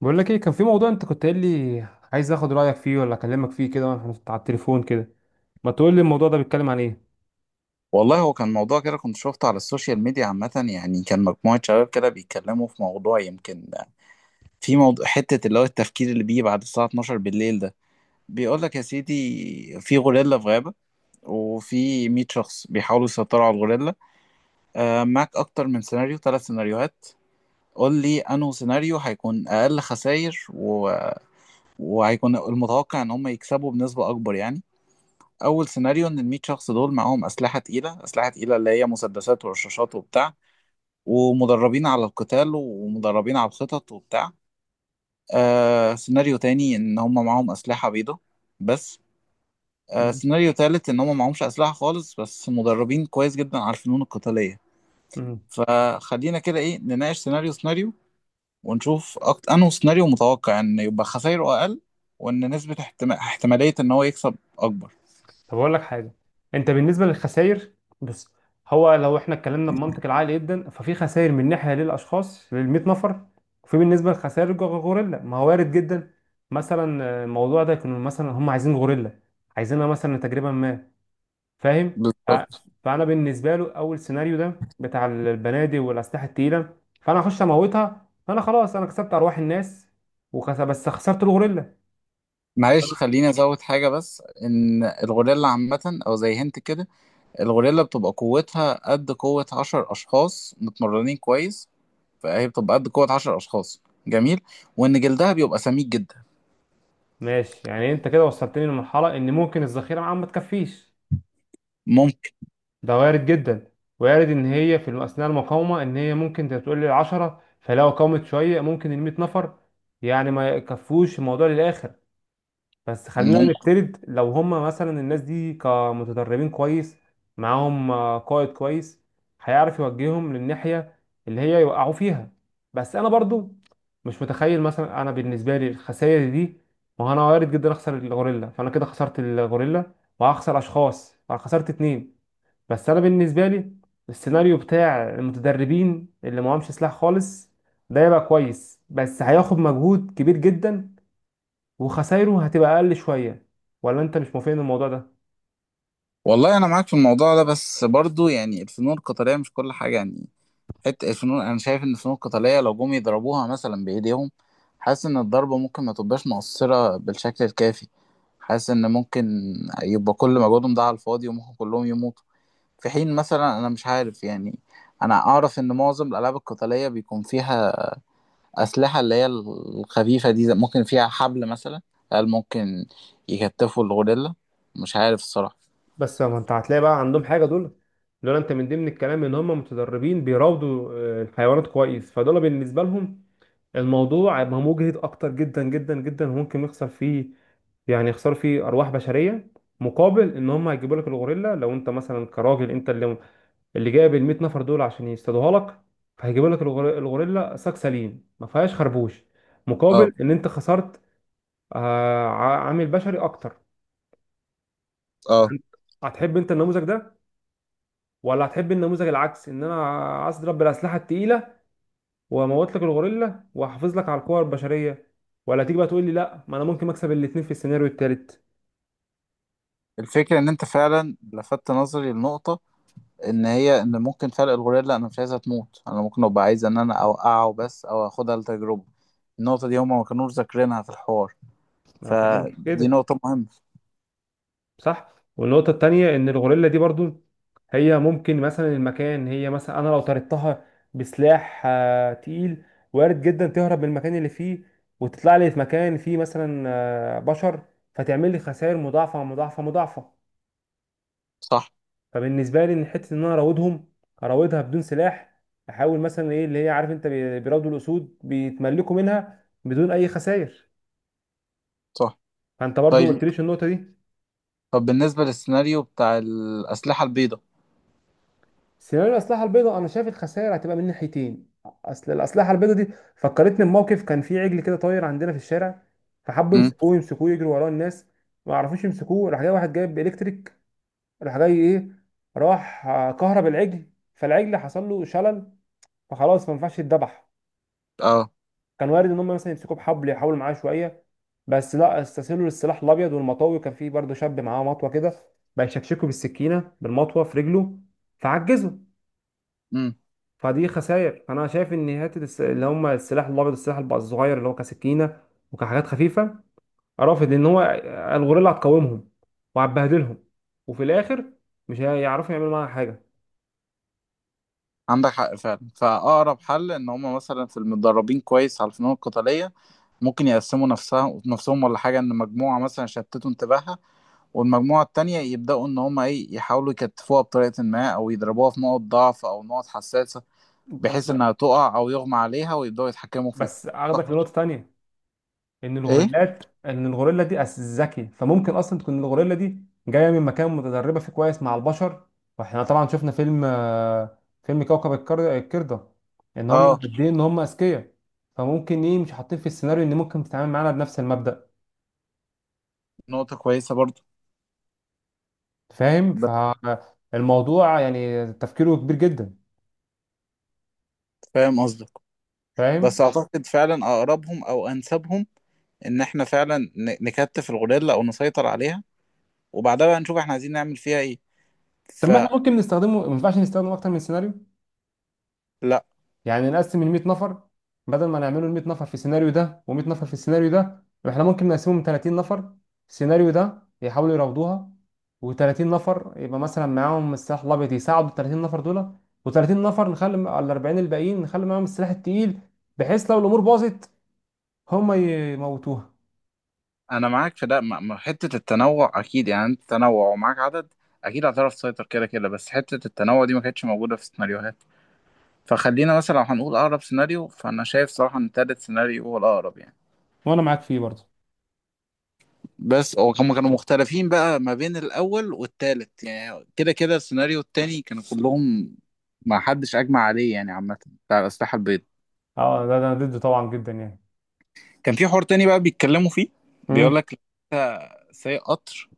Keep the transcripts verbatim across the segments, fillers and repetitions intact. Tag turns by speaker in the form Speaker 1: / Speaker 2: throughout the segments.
Speaker 1: بقول لك ايه، كان في موضوع انت كنت قايل لي عايز اخد رايك فيه، ولا اكلمك فيه كده واحنا على التليفون كده؟ ما تقول لي الموضوع ده بيتكلم عن ايه؟
Speaker 2: والله هو كان موضوع كده كنت شفته على السوشيال ميديا عامة، يعني كان مجموعة شباب كده بيتكلموا في موضوع، يمكن في موضوع حتة اللي هو التفكير اللي بيجي بعد الساعة اتناشر بالليل ده. بيقول لك يا سيدي في غوريلا في غابة، وفي مئة شخص بيحاولوا يسيطروا على الغوريلا. آه معاك أكتر من سيناريو، ثلاث سيناريوهات. قول لي أنه سيناريو هيكون أقل خسائر و... وهيكون المتوقع إن هم يكسبوا بنسبة أكبر يعني. أول سيناريو إن ال مية شخص دول معاهم أسلحة تقيلة، أسلحة تقيلة اللي هي مسدسات ورشاشات وبتاع، ومدربين على القتال ومدربين على الخطط وبتاع. آه سيناريو تاني ان هم معاهم اسلحة بيضة بس. آه
Speaker 1: مم.
Speaker 2: سيناريو تالت ان هم معهمش اسلحة خالص بس مدربين كويس جدا على الفنون القتالية.
Speaker 1: مم.
Speaker 2: فخلينا كده ايه نناقش سيناريو سيناريو، ونشوف أكت... انه سيناريو متوقع ان يبقى خسايره اقل، وان نسبة احتما... احتمالية ان هو يكسب اكبر.
Speaker 1: طب اقول لك حاجه، انت بالنسبه للخسائر، بص، هو لو احنا اتكلمنا بمنطق العقل جدا ففي خسائر من ناحيه للاشخاص لل مية نفر، وفي بالنسبه لخسائر الج- الغوريلا، ما هو وارد جدا. مثلا آه، الموضوع ده يكون مثلا هم عايزين غوريلا، عايزينها مثلا تجربه ما. فاهم. ف-
Speaker 2: بالظبط.
Speaker 1: فانا بالنسبه له اول سيناريو ده بتاع البنادق والاسلحه التقيله، فانا اخش اموتها، فانا خلاص انا كسبت ارواح الناس وخس... بس خسرت الغوريلا.
Speaker 2: معلش خليني ازود حاجة، بس ان الغوريلا عامة او زي هنت كده، الغوريلا بتبقى قوتها قد قوة عشر أشخاص متمرنين كويس، فهي بتبقى قد قوة عشر أشخاص. جميل. وإن جلدها بيبقى سميك جدا.
Speaker 1: ماشي، يعني انت كده وصلتني لمرحله ان ممكن الذخيره معاهم ما تكفيش.
Speaker 2: ممكن.
Speaker 1: ده وارد جدا. وارد ان هي في اثناء المقاومه، ان هي ممكن تقول لي عشرة، فلو قامت شويه ممكن ال مية نفر يعني ما يكفوش الموضوع للاخر. بس خلينا
Speaker 2: ممكن.
Speaker 1: نفترض لو هم مثلا الناس دي كمتدربين كويس، معاهم آه، قائد كويس، هيعرف يوجههم للناحية اللي هي يوقعوا فيها. بس انا برضو مش متخيل، مثلا انا بالنسبة لي الخسائر دي، ما هو انا وارد جدا اخسر الغوريلا، فانا كده خسرت الغوريلا وهخسر اشخاص، فانا خسرت اتنين. بس انا بالنسبة لي السيناريو بتاع المتدربين اللي معهمش سلاح خالص، ده يبقى كويس بس هياخد مجهود كبير جدا، وخسايره هتبقى اقل شويه. ولا انت مش موافقني الموضوع ده؟
Speaker 2: والله أنا معاك في الموضوع ده، بس برضو يعني الفنون القتالية مش كل حاجة يعني. حتة الفنون أنا شايف إن الفنون القتالية لو جم يضربوها مثلا بإيديهم، حاسس إن الضربة ممكن ما تبقاش مؤثرة بالشكل الكافي. حاسس إن ممكن يبقى كل مجهودهم ده على الفاضي وممكن كلهم يموتوا. في حين مثلا انا مش عارف يعني، انا اعرف ان معظم الالعاب القتاليه بيكون فيها اسلحه اللي هي الخفيفه دي، زي- ممكن فيها حبل مثلا. هل ممكن يكتفوا الغوريلا؟ مش عارف الصراحه.
Speaker 1: بس ما انت هتلاقي بقى عندهم حاجه. دول، دول انت من ضمن الكلام ان هم متدربين بيراودوا آه، الحيوانات كويس، فدول بالنسبه لهم الموضوع هيبقى مجهد اكتر جدا جدا جدا، وممكن يخسر فيه، يعني يخسروا فيه ارواح بشريه مقابل ان هم هيجيبوا لك الغوريلا. لو انت مثلا كراجل انت اللي اللي جايب ال مئة نفر دول عشان يصطادوها لك، فهيجيبوا لك الغور- الغوريلا ساك سليم ما فيهاش خربوش،
Speaker 2: اه.
Speaker 1: مقابل ان انت خسرت آه، ع- عامل بشري اكتر.
Speaker 2: اه.
Speaker 1: هن- هتحب انت النموذج ده، ولا هتحب النموذج العكس ان انا اضرب بالاسلحه التقيله واموت لك الغوريلا واحافظ لك على القوى البشريه؟ ولا تيجي بقى تقول لي لا، ما انا ممكن اكسب الاثنين في السيناريو الثالث.
Speaker 2: الفكره ان انت فعلا لفت نظري لنقطه، ان هي ان ممكن فرق الغوريلا انا مش عايزها تموت، انا ممكن ابقى عايز ان انا اوقعه بس او اخدها لتجربه. النقطه دي هما ما كانوش ذاكرينها في الحوار.
Speaker 1: انا بكلمك في
Speaker 2: فدي
Speaker 1: كده.
Speaker 2: نقطه مهمه.
Speaker 1: صح. والنقطه الثانيه، ان الغوريلا دي برضو هي ممكن مثلا المكان، هي مثلا انا لو طردتها بسلاح آه، تقيل، وارد جدا تهرب من المكان اللي فيه وتطلع لي في مكان فيه مثلا آه، بشر، فتعمل لي خسائر مضاعفه مضاعفه مضاعفه.
Speaker 2: صح.
Speaker 1: فبالنسبه لي ان حته ان انا اراودهم، اراودها بدون سلاح، احاول مثلا ايه اللي هي، عارف انت بي- بيراودوا الاسود، بيتملكوا منها بدون اي خسائر.
Speaker 2: صح.
Speaker 1: فانت برضو ما
Speaker 2: طيب.
Speaker 1: قلتليش النقطه دي.
Speaker 2: طب بالنسبة للسيناريو بتاع الأسلحة البيضاء.
Speaker 1: سيناريو الاسلحه البيضاء انا شايف الخسائر هتبقى من ناحيتين. اصل الاسلحه البيضاء دي فكرتني بموقف، كان في عجل كده طاير عندنا في الشارع، فحبوا
Speaker 2: امم.
Speaker 1: يمسكوه، يمسكوه يجروا وراه الناس، ما عرفوش يمسكوه. راح جاي واحد جايب الكتريك، راح جاي ايه، راح آه، كهرب العجل، فالعجل حصل له شلل، فخلاص ما ينفعش يتذبح.
Speaker 2: اه.
Speaker 1: كان وارد ان هم مثلا يمسكوا بحبل يحاولوا معاه شويه، بس لا، استسهلوا للسلاح الابيض والمطوي. كان فيه برضه شاب معاه مطوه كده، بقى يشكشكوا بالسكينه بالمطوه في رجله، فعجزوا.
Speaker 2: امم.
Speaker 1: فدي خسائر، فانا شايف ان حته الس- اللي هم السلاح الابيض والسلاح الب- الصغير اللي هو كسكينه وكحاجات خفيفه، رافض ان هو الغوريلا هتقاومهم وهتبهدلهم، وفي الاخر مش هيعرفوا يعملوا معاها حاجه.
Speaker 2: عندك حق فعلا، فأقرب حل إن هما مثلا في المتدربين كويس على الفنون القتالية، ممكن يقسموا نفسها نفسهم ولا حاجة، إن مجموعة مثلا شتتوا انتباهها، والمجموعة التانية يبدأوا إن هما إيه يحاولوا يكتفوها بطريقة ما، أو يضربوها في نقط ضعف أو نقط حساسة، بحيث
Speaker 1: ب-
Speaker 2: إنها تقع أو يغمى عليها ويبدأوا يتحكموا فيها.
Speaker 1: بس
Speaker 2: صح.
Speaker 1: اخدك لنقطه تانية، ان
Speaker 2: إيه؟
Speaker 1: الغوريلات ان الغوريلا دي أس- ذكي، فممكن اصلا تكون الغوريلا دي جايه من مكان متدربه فيه كويس مع البشر. واحنا طبعا شفنا فيلم، آه، فيلم كوكب الكر- القرده، ان هم
Speaker 2: اه.
Speaker 1: قد ايه ان هم اذكياء. فممكن ايه مش حاطين في السيناريو ان ممكن تتعامل معانا بنفس المبدأ.
Speaker 2: نقطة كويسة برضو.
Speaker 1: فاهم،
Speaker 2: بس
Speaker 1: فالموضوع يعني تفكيره كبير جدا.
Speaker 2: فاهم قصدك. بس
Speaker 1: فاهم.
Speaker 2: أعتقد فعلا أقربهم أو أنسبهم ان احنا فعلا ن- نكتف الغوريلا او نسيطر عليها، وبعدها بقى نشوف احنا عايزين نعمل فيها ايه.
Speaker 1: طب ما
Speaker 2: فلا.
Speaker 1: احنا ممكن نستخدمه ما ينفعش نستخدمه اكتر من سيناريو، يعني نقسم ال مية نفر. بدل ما نعمله ال مية نفر في السيناريو ده و100 نفر في السيناريو ده، احنا ممكن نقسمهم تلاتين نفر السيناريو ده يحاولوا يراودوها، و30 نفر يبقى مثلا معاهم السلاح الابيض يساعدوا ال ثلاثين نفر دول، و30 نفر، نخلي ال اربعين الباقيين نخلي معاهم السلاح التقيل، بحيث لو الامور باظت هم يموتوها.
Speaker 2: انا معاك في ده، م- م- حتة التنوع اكيد يعني، انت تنوع ومعاك عدد اكيد هتعرف تسيطر كده كده، بس حتة التنوع دي ما كانتش موجودة في السيناريوهات. فخلينا مثلا لو هنقول اقرب سيناريو، فانا شايف صراحة ان تالت سيناريو هو الاقرب يعني.
Speaker 1: وانا معاك فيه برضه.
Speaker 2: بس هو هم كانوا مختلفين بقى ما بين الاول والتالت، يعني كده كده السيناريو التاني كانوا كلهم، ما حدش اجمع عليه يعني عامة، بتاع الاسلحة البيضاء.
Speaker 1: اه ده ده انا ضده طبعا جدا يعني.
Speaker 2: كان في حوار تاني بقى بيتكلموا فيه، بيقول
Speaker 1: امم.
Speaker 2: لك سايق قطر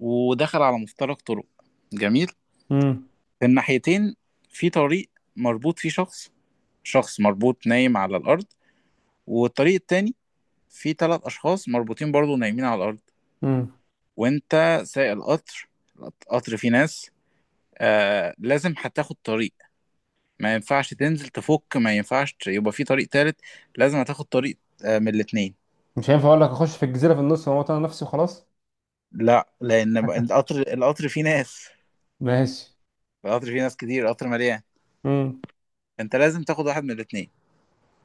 Speaker 2: ودخل على مفترق طرق. جميل.
Speaker 1: امم.
Speaker 2: في الناحيتين، في طريق مربوط فيه شخص، شخص مربوط نايم على الأرض، والطريق التاني فيه تلات أشخاص مربوطين برضو نايمين على الأرض.
Speaker 1: امم.
Speaker 2: وأنت سايق القطر، القطر فيه ناس. آه لازم هتاخد طريق. ما ينفعش تنزل تفك، ما ينفعش يبقى في طريق تالت. لازم هتاخد طريق. آه من الاتنين.
Speaker 1: مش هينفع اقول لك اخش في الجزيره في النص واموت انا نفسي وخلاص؟
Speaker 2: لا، لأن القطر القطر فيه ناس.
Speaker 1: ماشي.
Speaker 2: القطر فيه ناس كتير، قطر مليان.
Speaker 1: مم.
Speaker 2: انت لازم تاخد واحد من الاتنين.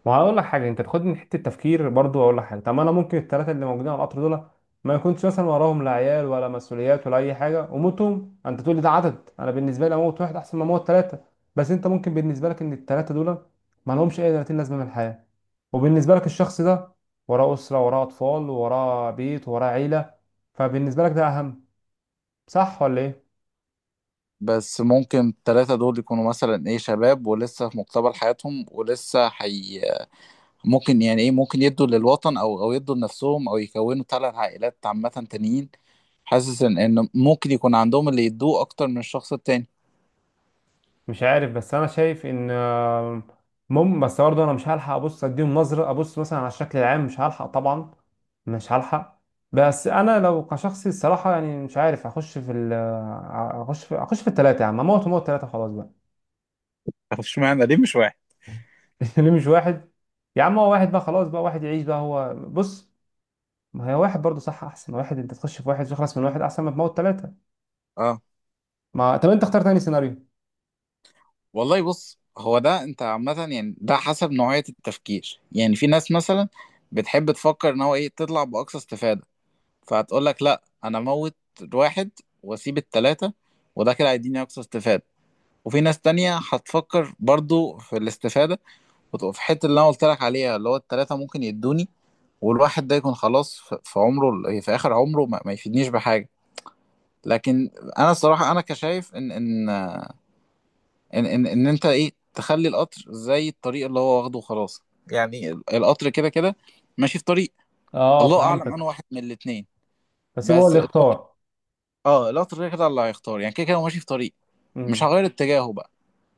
Speaker 1: ما هقول لك حاجه، انت تاخدني من حته تفكير برضو. اقول لك حاجه، طب ما انا ممكن الثلاثه اللي موجودين على القطر دول ما يكونش مثلا وراهم لا عيال ولا مسؤوليات ولا اي حاجه، وموتهم انت تقول لي ده عدد. انا بالنسبه لي اموت واحد احسن ما اموت ثلاثه، بس انت ممكن بالنسبه لك ان الثلاثه دول ما لهمش اي تلاتين لازمه من الحياه، وبالنسبه لك الشخص ده وراه اسره وراه اطفال وراه بيت وراه عيله، فبالنسبه لك ده اهم. صح ولا ايه؟
Speaker 2: بس ممكن التلاتة دول يكونوا مثلا ايه شباب ولسه في مقتبل حياتهم ولسه حي... ممكن يعني ايه، ممكن يدوا للوطن او او يدوا لنفسهم، او يكونوا تلات عائلات عامة تانيين. حاسس ان ان ممكن يكون عندهم اللي يدوه اكتر من الشخص التاني.
Speaker 1: مش عارف، بس انا شايف ان آه، مم بس برضه انا مش هلحق ابص اديهم نظره، ابص مثلا على الشكل العام مش هلحق طبعا، مش هلحق. بس انا لو كشخصي، الصراحه يعني مش عارف، اخش في ال اخش في اخش في الثلاثه يا عم، اموت وموت ثلاثه خلاص بقى.
Speaker 2: طب اشمعنى ليه مش واحد؟
Speaker 1: ليه مش واحد؟ يا عم هو واحد بقى، خلاص بقى واحد يعيش بقى. هو بص، ما هي واحد برضه صح، احسن واحد انت تخش في واحد تخلص من واحد احسن ما تموت ثلاثه.
Speaker 2: اه.
Speaker 1: ما طب انت اختار تاني سيناريو.
Speaker 2: والله بص، هو ده انت عامة يعني ده حسب نوعية التفكير، يعني في ناس مثلا بتحب تفكر ان هو ايه تطلع باقصى استفادة، فهتقول لك لا انا موت واحد واسيب التلاتة، وده كده هيديني اقصى استفادة. وفي ناس تانية هتفكر برضو في الاستفادة، وتبقى في حتة اللي انا قلت لك عليها اللي هو التلاتة ممكن يدوني، والواحد ده يكون خلاص في في عمره ال- في اخر عمره ما ما يفيدنيش بحاجة. لكن انا الصراحة انا كشايف ان ان ان ان, إن انت ايه تخلي القطر زي الطريق اللي هو واخده وخلاص. يعني القطر كده كده ماشي في طريق.
Speaker 1: اه
Speaker 2: الله اعلم، انا
Speaker 1: فهمتك،
Speaker 2: واحد من الاتنين.
Speaker 1: بس هو
Speaker 2: بس
Speaker 1: اللي اختار.
Speaker 2: اه لا، كده كده اللي هيختار يعني كده كده هو ماشي في طريق، مش
Speaker 1: امم.
Speaker 2: هغير اتجاهه بقى.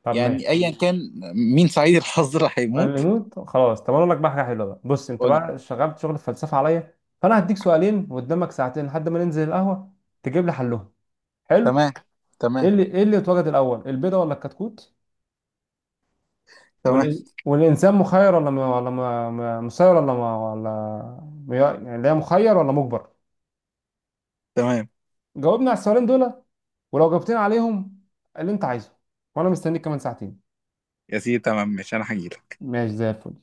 Speaker 1: طب
Speaker 2: يعني
Speaker 1: ماشي.
Speaker 2: ايا كان مين سعيد الحظ اللي
Speaker 1: قال اللي
Speaker 2: هيموت.
Speaker 1: يموت خلاص. طب انا اقول لك بقى حاجه حلوه، بقى بص، انت
Speaker 2: قول لي.
Speaker 1: بقى شغلت شغل الفلسفه عليا، فانا هديك سؤالين وقدامك ساعتين لحد ما ننزل القهوه تجيب لي حلهم. حلو.
Speaker 2: تمام.
Speaker 1: ايه
Speaker 2: تمام.
Speaker 1: اللي ايه اللي اتوجد الاول، البيضه ولا الكتكوت؟
Speaker 2: تمام.
Speaker 1: وال... والانسان مخير ولا م... ولا م... م- مسير، ولا م... ولا م- يعني لا مخير ولا مجبر.
Speaker 2: تمام.
Speaker 1: جاوبنا على السؤالين دول، ولو جاوبتنا عليهم اللي انت عايزه، وانا مستنيك كمان ساعتين.
Speaker 2: يا سيدي تمام، مش انا هجيلك.
Speaker 1: ماشي زي الفل.